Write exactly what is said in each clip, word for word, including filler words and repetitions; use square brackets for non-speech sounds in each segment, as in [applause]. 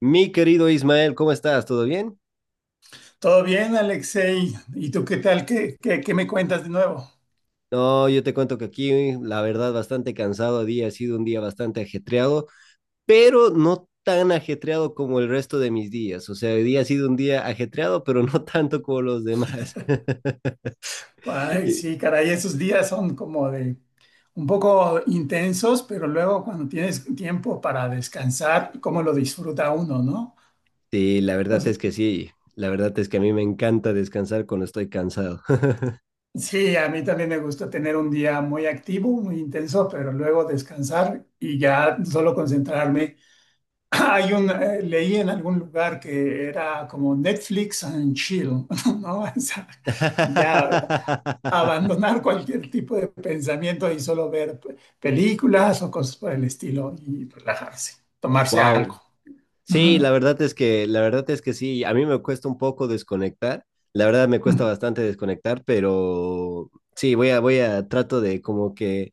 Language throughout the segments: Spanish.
Mi querido Ismael, ¿cómo estás? ¿Todo bien? Todo bien, Alexei. ¿Y tú qué tal? ¿Qué, qué, qué me cuentas de nuevo? No, yo te cuento que aquí, la verdad, bastante cansado día, ha sido un día bastante ajetreado, pero no tan ajetreado como el resto de mis días. O sea, hoy día ha sido un día ajetreado, pero [laughs] no tanto como los demás. [laughs] Ay, Y- sí, caray, esos días son como de un poco intensos, pero luego cuando tienes tiempo para descansar, cómo lo disfruta uno, ¿no? Sí, la verdad Pues, es que sí. La verdad es que a mí me encanta descansar cuando estoy cansado. sí, a mí también me gusta tener un día muy activo, muy intenso, pero luego descansar y ya solo concentrarme. [laughs] [clears throat] Hay un, eh, leí en algún lugar que era como Netflix and chill, [laughs] ¿no? O sea, ya [laughs] abandonar cualquier tipo de pensamiento y solo ver pe- películas o cosas por el estilo y relajarse, tomarse algo. Wow, sí, la Ujú, verdad es que, la verdad es que sí, a mí me cuesta un poco desconectar, la verdad me cuesta ujú. bastante desconectar, pero sí, voy a, voy a, trato de como que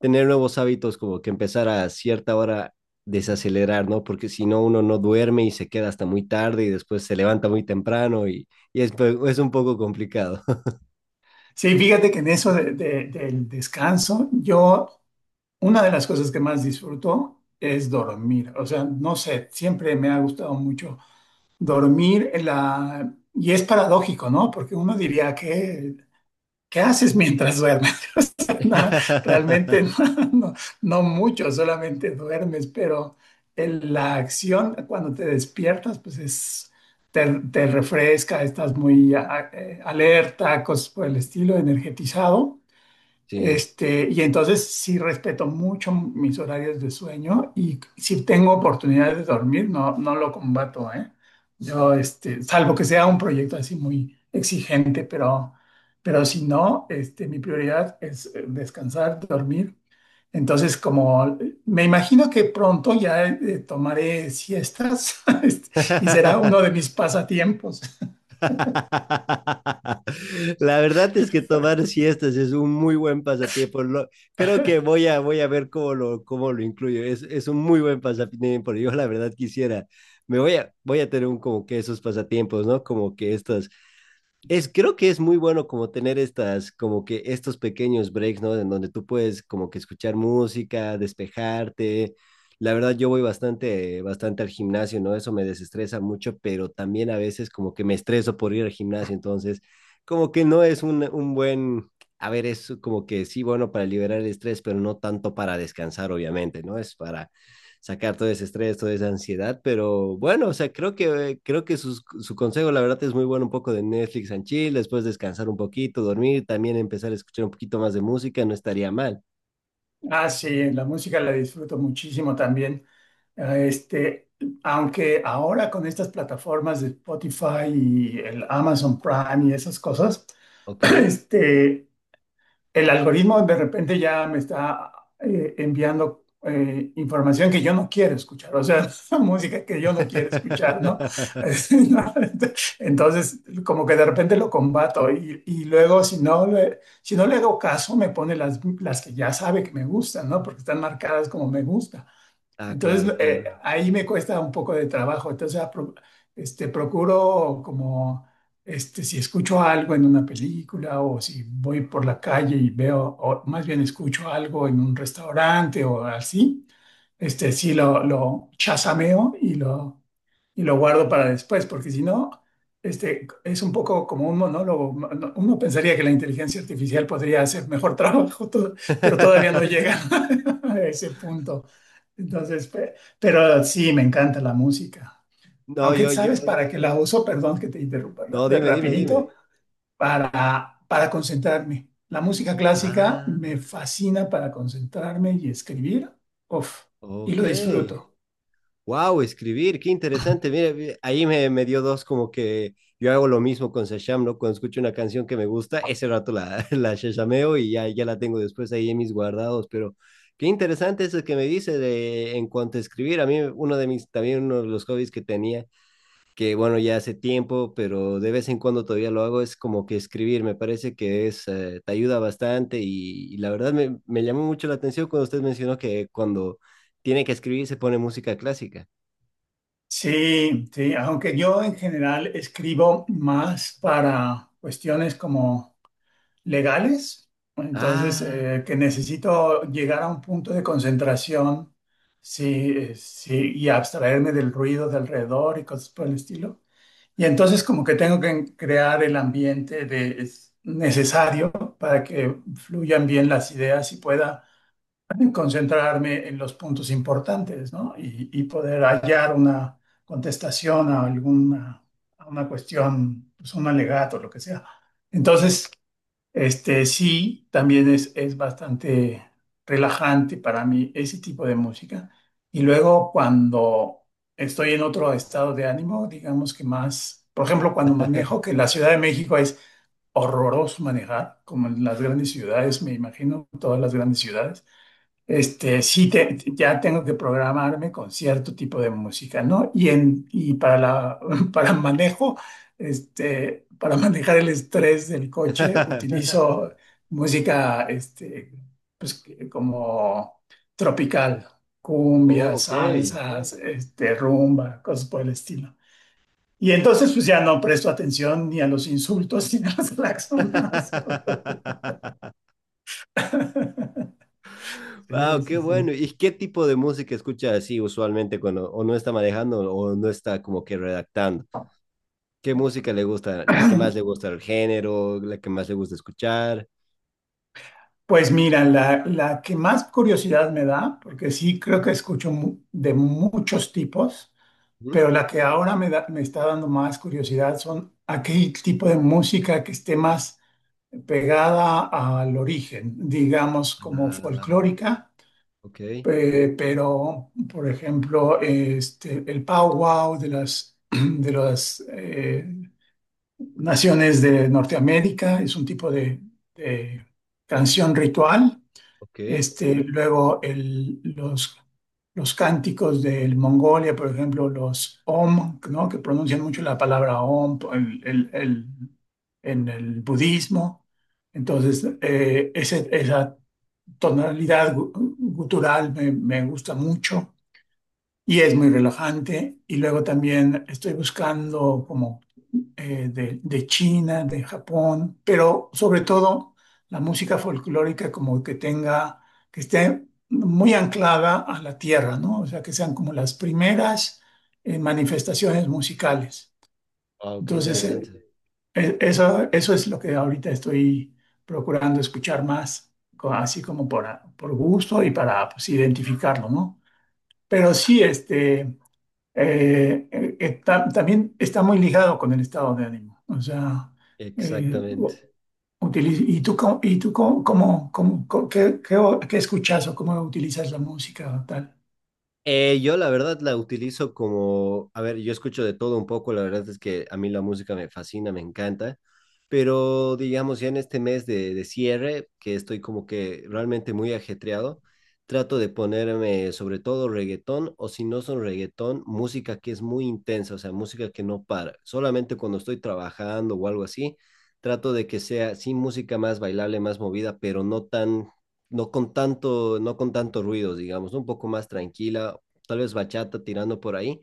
tener nuevos hábitos, como que empezar a cierta hora desacelerar, ¿no? Porque si no, uno no duerme y se queda hasta muy tarde y después se levanta muy temprano y, y es, pe- es un poco complicado. Sí, fíjate que en eso de- de- del descanso, yo, una de las cosas que más disfruto es dormir. O sea, no sé, siempre me ha gustado mucho dormir. en La... Y es paradójico, ¿no? Porque uno diría que ¿qué haces mientras duermes? [laughs] O sea, no, realmente no, [laughs] no- no mucho, solamente duermes, pero el- la acción cuando te despiertas, pues es, te, te refresca, estás muy a- eh, alerta, cosas por el estilo, energetizado. Sí. Este, y entonces sí respeto mucho mis horarios de sueño y si tengo oportunidad de dormir, no, no lo combato, ¿eh? Yo, este, salvo que sea un proyecto así muy exigente, pero, pero si no, este, mi prioridad es eh, descansar, dormir. Entonces, como me imagino que pronto ya eh, tomaré siestas [laughs] este, y será uno [laughs] de mis pasatiempos. [laughs] La verdad es que tomar siestas es un muy buen pasatiempo. Lo- creo que voy a, voy a ver cómo lo, cómo lo incluyo. Es, es un muy buen pasatiempo. Yo la verdad quisiera, me voy a, voy a tener un, como que esos pasatiempos, ¿no? Como que estas es, creo que es muy bueno como tener estas, como que estos pequeños breaks, ¿no? En donde tú puedes como que escuchar música, despejarte. La verdad, yo voy bastante, bastante al gimnasio, ¿no? Eso me desestresa mucho, pero también a veces como que me estreso por ir al gimnasio, entonces como que no es un, un buen, a ver, es como que sí, bueno, para liberar el estrés, pero no tanto para descansar, obviamente, ¿no? Es para sacar todo ese estrés, toda esa ansiedad, pero bueno, o sea, creo que, creo que sus, su consejo, la verdad, es muy bueno, un poco de Netflix and chill, después descansar un poquito, dormir, también empezar a escuchar un poquito más de música, no estaría mal, Ah, sí, la música la disfruto muchísimo también. Eh, Este, aunque ahora con estas plataformas de Spotify y el Amazon Prime y esas cosas, [clears throat] ¿ok? este, el algoritmo de repente ya me está eh, enviando eh, información que yo no quiero escuchar, o sea, [laughs] música que yo no quiero escuchar, ¿no? [laughs] [laughs] Entonces, como que de repente lo combato y, y luego si no le, si no le hago caso, me pone las, las que ya sabe que me gustan, ¿no? Porque están marcadas como me gusta. Ah, Entonces, claro, eh, claro. ahí me cuesta un poco de trabajo. Entonces, apro- este, procuro como, este, si escucho algo en una película o si voy por la calle y veo, o más bien escucho algo en un restaurante o así, este, sí lo, lo chasameo y lo, y lo guardo para después, porque si no, este, es un poco como un monólogo. Uno pensaría que la inteligencia artificial podría hacer mejor [laughs] trabajo, to- pero todavía no [laughs] llega [laughs] a ese punto. Entonces, pe- pero sí, me encanta la música. No, Aunque yo, yo, sabes para qué la uso, perdón que te interrumpa ra- no, de dime, dime, dime. rapidito, para, para concentrarme. La música clásica Ah, me fascina para concentrarme y escribir. Uf, y ok. lo disfruto. Wow, escribir, qué interesante. Mira, ahí me, me dio dos como que yo hago lo mismo con Shasham, ¿no? Cuando escucho una canción que me gusta, ese rato la, [laughs] la shashameo y ya, ya la tengo después ahí en mis guardados, pero qué interesante eso que me dice de, en cuanto a escribir. A mí uno de mis, también uno de los hobbies que tenía, que bueno, ya hace tiempo, pero de vez en cuando todavía lo hago, es como que escribir, me parece que es, eh, te ayuda bastante y, y la verdad me, me llamó mucho la atención cuando usted mencionó que cuando tiene que escribir se pone música clásica. Sí, sí, aunque yo en general escribo más para cuestiones como legales, entonces Ah. eh, que necesito llegar a un punto de concentración sí, eh, sí, y abstraerme del ruido de alrededor y cosas por el estilo. Y entonces como que tengo que crear el ambiente de, es necesario para que fluyan bien las ideas y pueda concentrarme en los puntos importantes, ¿no? Y, y poder hallar una contestación a alguna a una cuestión, pues un alegato, lo que sea. Entonces, este, sí, también es, es bastante relajante para mí ese tipo de música. Y luego cuando estoy en otro estado de ánimo, digamos que más, por ejemplo, cuando manejo, que la Ciudad de México es horroroso manejar, como en las grandes ciudades, me imagino, todas las grandes ciudades. Este, sí, te- ya tengo que programarme con cierto tipo de música, ¿no? Y, en, y para, la, [laughs] para manejo, este, para manejar el estrés del coche, [laughs] [laughs] utilizo música, este, pues, que- como tropical, cumbia, Ok. salsas, Ok. este, rumba, cosas por el estilo. Y entonces, pues ya no presto atención ni a los insultos [laughs] ni a los [laughs] claxonazos. [laughs] [laughs] Sí, Wow, qué sí, bueno. sí. ¿Y qué tipo de música escucha así usualmente cuando o no está manejando o no está como que redactando? ¿Qué música le gusta? ¿La que más le [clears throat] gusta el género? ¿La que más le gusta escuchar? Pues mira, la, la que más curiosidad me da, porque sí creo que escucho mu- de muchos tipos, Ujú. pero la que ahora me da- me está dando más curiosidad son aquel tipo de música que esté más pegada al origen, digamos como Ah, folclórica, ok, eh, pero por ejemplo, este, el powwow de las, [clears throat] de las eh, naciones de Norteamérica es un tipo de de canción ritual ok. este, luego el- los, los cánticos del Mongolia, por ejemplo, los Om, ¿no? Que pronuncian mucho la palabra Om el- el- el- en el budismo. Entonces, eh, ese- esa tonalidad gu- gutural me, me gusta mucho y es muy relajante. Y luego también estoy buscando como eh, de, de China, de Japón, pero sobre todo la música folclórica como que tenga, que esté muy anclada a la tierra, ¿no? O sea, que sean como las primeras eh, manifestaciones musicales. Wow, qué Entonces, eh, interesante. e- eso, eso es lo que ahorita estoy procurando escuchar más, co- así como por, a- por gusto y para pues, identificarlo, ¿no? Pero sí, este eh, eh, está, también está muy ligado con el estado de ánimo. O sea, eh, Exactamente. u- utiliz- ¿y tú, cómo, y tú cómo, cómo- cómo- cómo- qué, qué, o- qué escuchas o cómo utilizas la música o tal? Eh, yo la verdad la utilizo como, a ver, yo escucho de todo un poco, la verdad es que a mí la música me fascina, me encanta, pero digamos ya en este mes de, de cierre, que estoy como que realmente muy ajetreado, trato de ponerme sobre todo reggaetón o si no son reggaetón, música que es muy intensa, o sea, música que no para. Solamente cuando estoy trabajando o algo así, trato de que sea, sí, música más bailable, más movida, pero no tan no con tanto, no con tanto ruido, digamos, ¿no? Un poco más tranquila, tal vez bachata tirando por ahí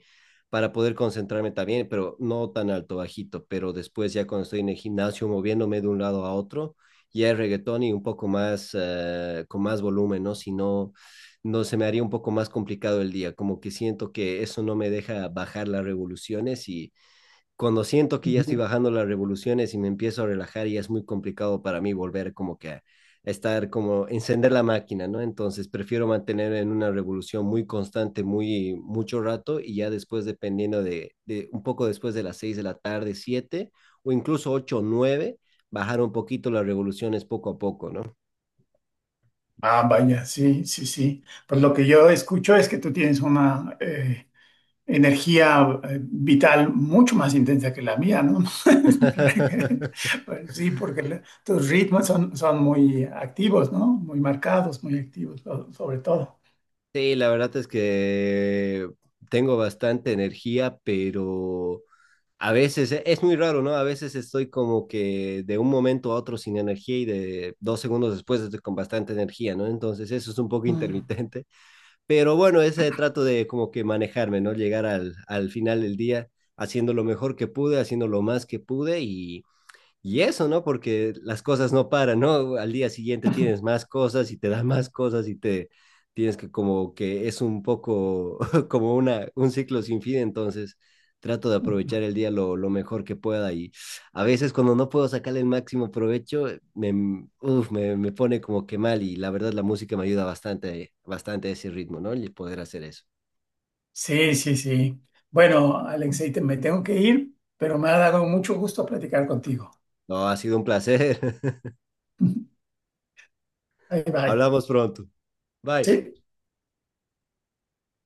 para poder concentrarme también, pero no tan alto, bajito, pero después ya cuando estoy en el gimnasio moviéndome de un lado a otro, ya es reggaetón y un poco más, eh, con más volumen, ¿no? Si no, no se me haría un poco más complicado el día, como que siento que eso no me deja bajar las revoluciones y cuando siento que ya Ujú. estoy bajando las revoluciones y me empiezo a relajar, ya es muy complicado para mí volver como que a estar como encender la máquina, ¿no? Entonces prefiero mantener en una revolución muy constante, muy mucho rato y ya después dependiendo de, de un poco después de las seis de la tarde, siete o incluso ocho o nueve, bajar un poquito las revoluciones poco a poco, ¿no? Ah, vaya, sí, sí, sí. Pues lo que yo escucho es que tú tienes una eh, energía eh, vital mucho más intensa que la mía, ¿no? [laughs] [laughs] Pues sí, porque le- tus ritmos son, son muy activos, ¿no? Muy marcados, muy activos, so- sobre todo. Sí, la verdad es que tengo bastante energía, pero a veces eh, es muy raro, ¿no? A veces estoy como que de un momento a otro sin energía y de dos segundos después estoy con bastante energía, ¿no? Entonces eso es un poco [laughs] Mm. intermitente, pero bueno, ese trato de como que manejarme, ¿no? Llegar al, al final del día haciendo lo mejor que pude, haciendo lo más que pude y y eso, ¿no? Porque las cosas no paran, ¿no? Al día siguiente tienes [laughs] más cosas y te dan más cosas y te tienes que como que es un poco [laughs] como una, un ciclo sin fin, entonces trato de aprovechar el día lo, lo mejor que pueda y a veces cuando no puedo sacarle el máximo provecho, me, uf, me, me pone como que mal y la verdad la música me ayuda bastante, bastante a ese ritmo, ¿no? Y poder hacer eso. Sí, sí, sí. Bueno, Alexei, te- me tengo que ir, pero me ha dado mucho gusto platicar contigo. No, ha sido un placer. [laughs] [laughs] Bye, bye. Hablamos pronto. Bye. Sí.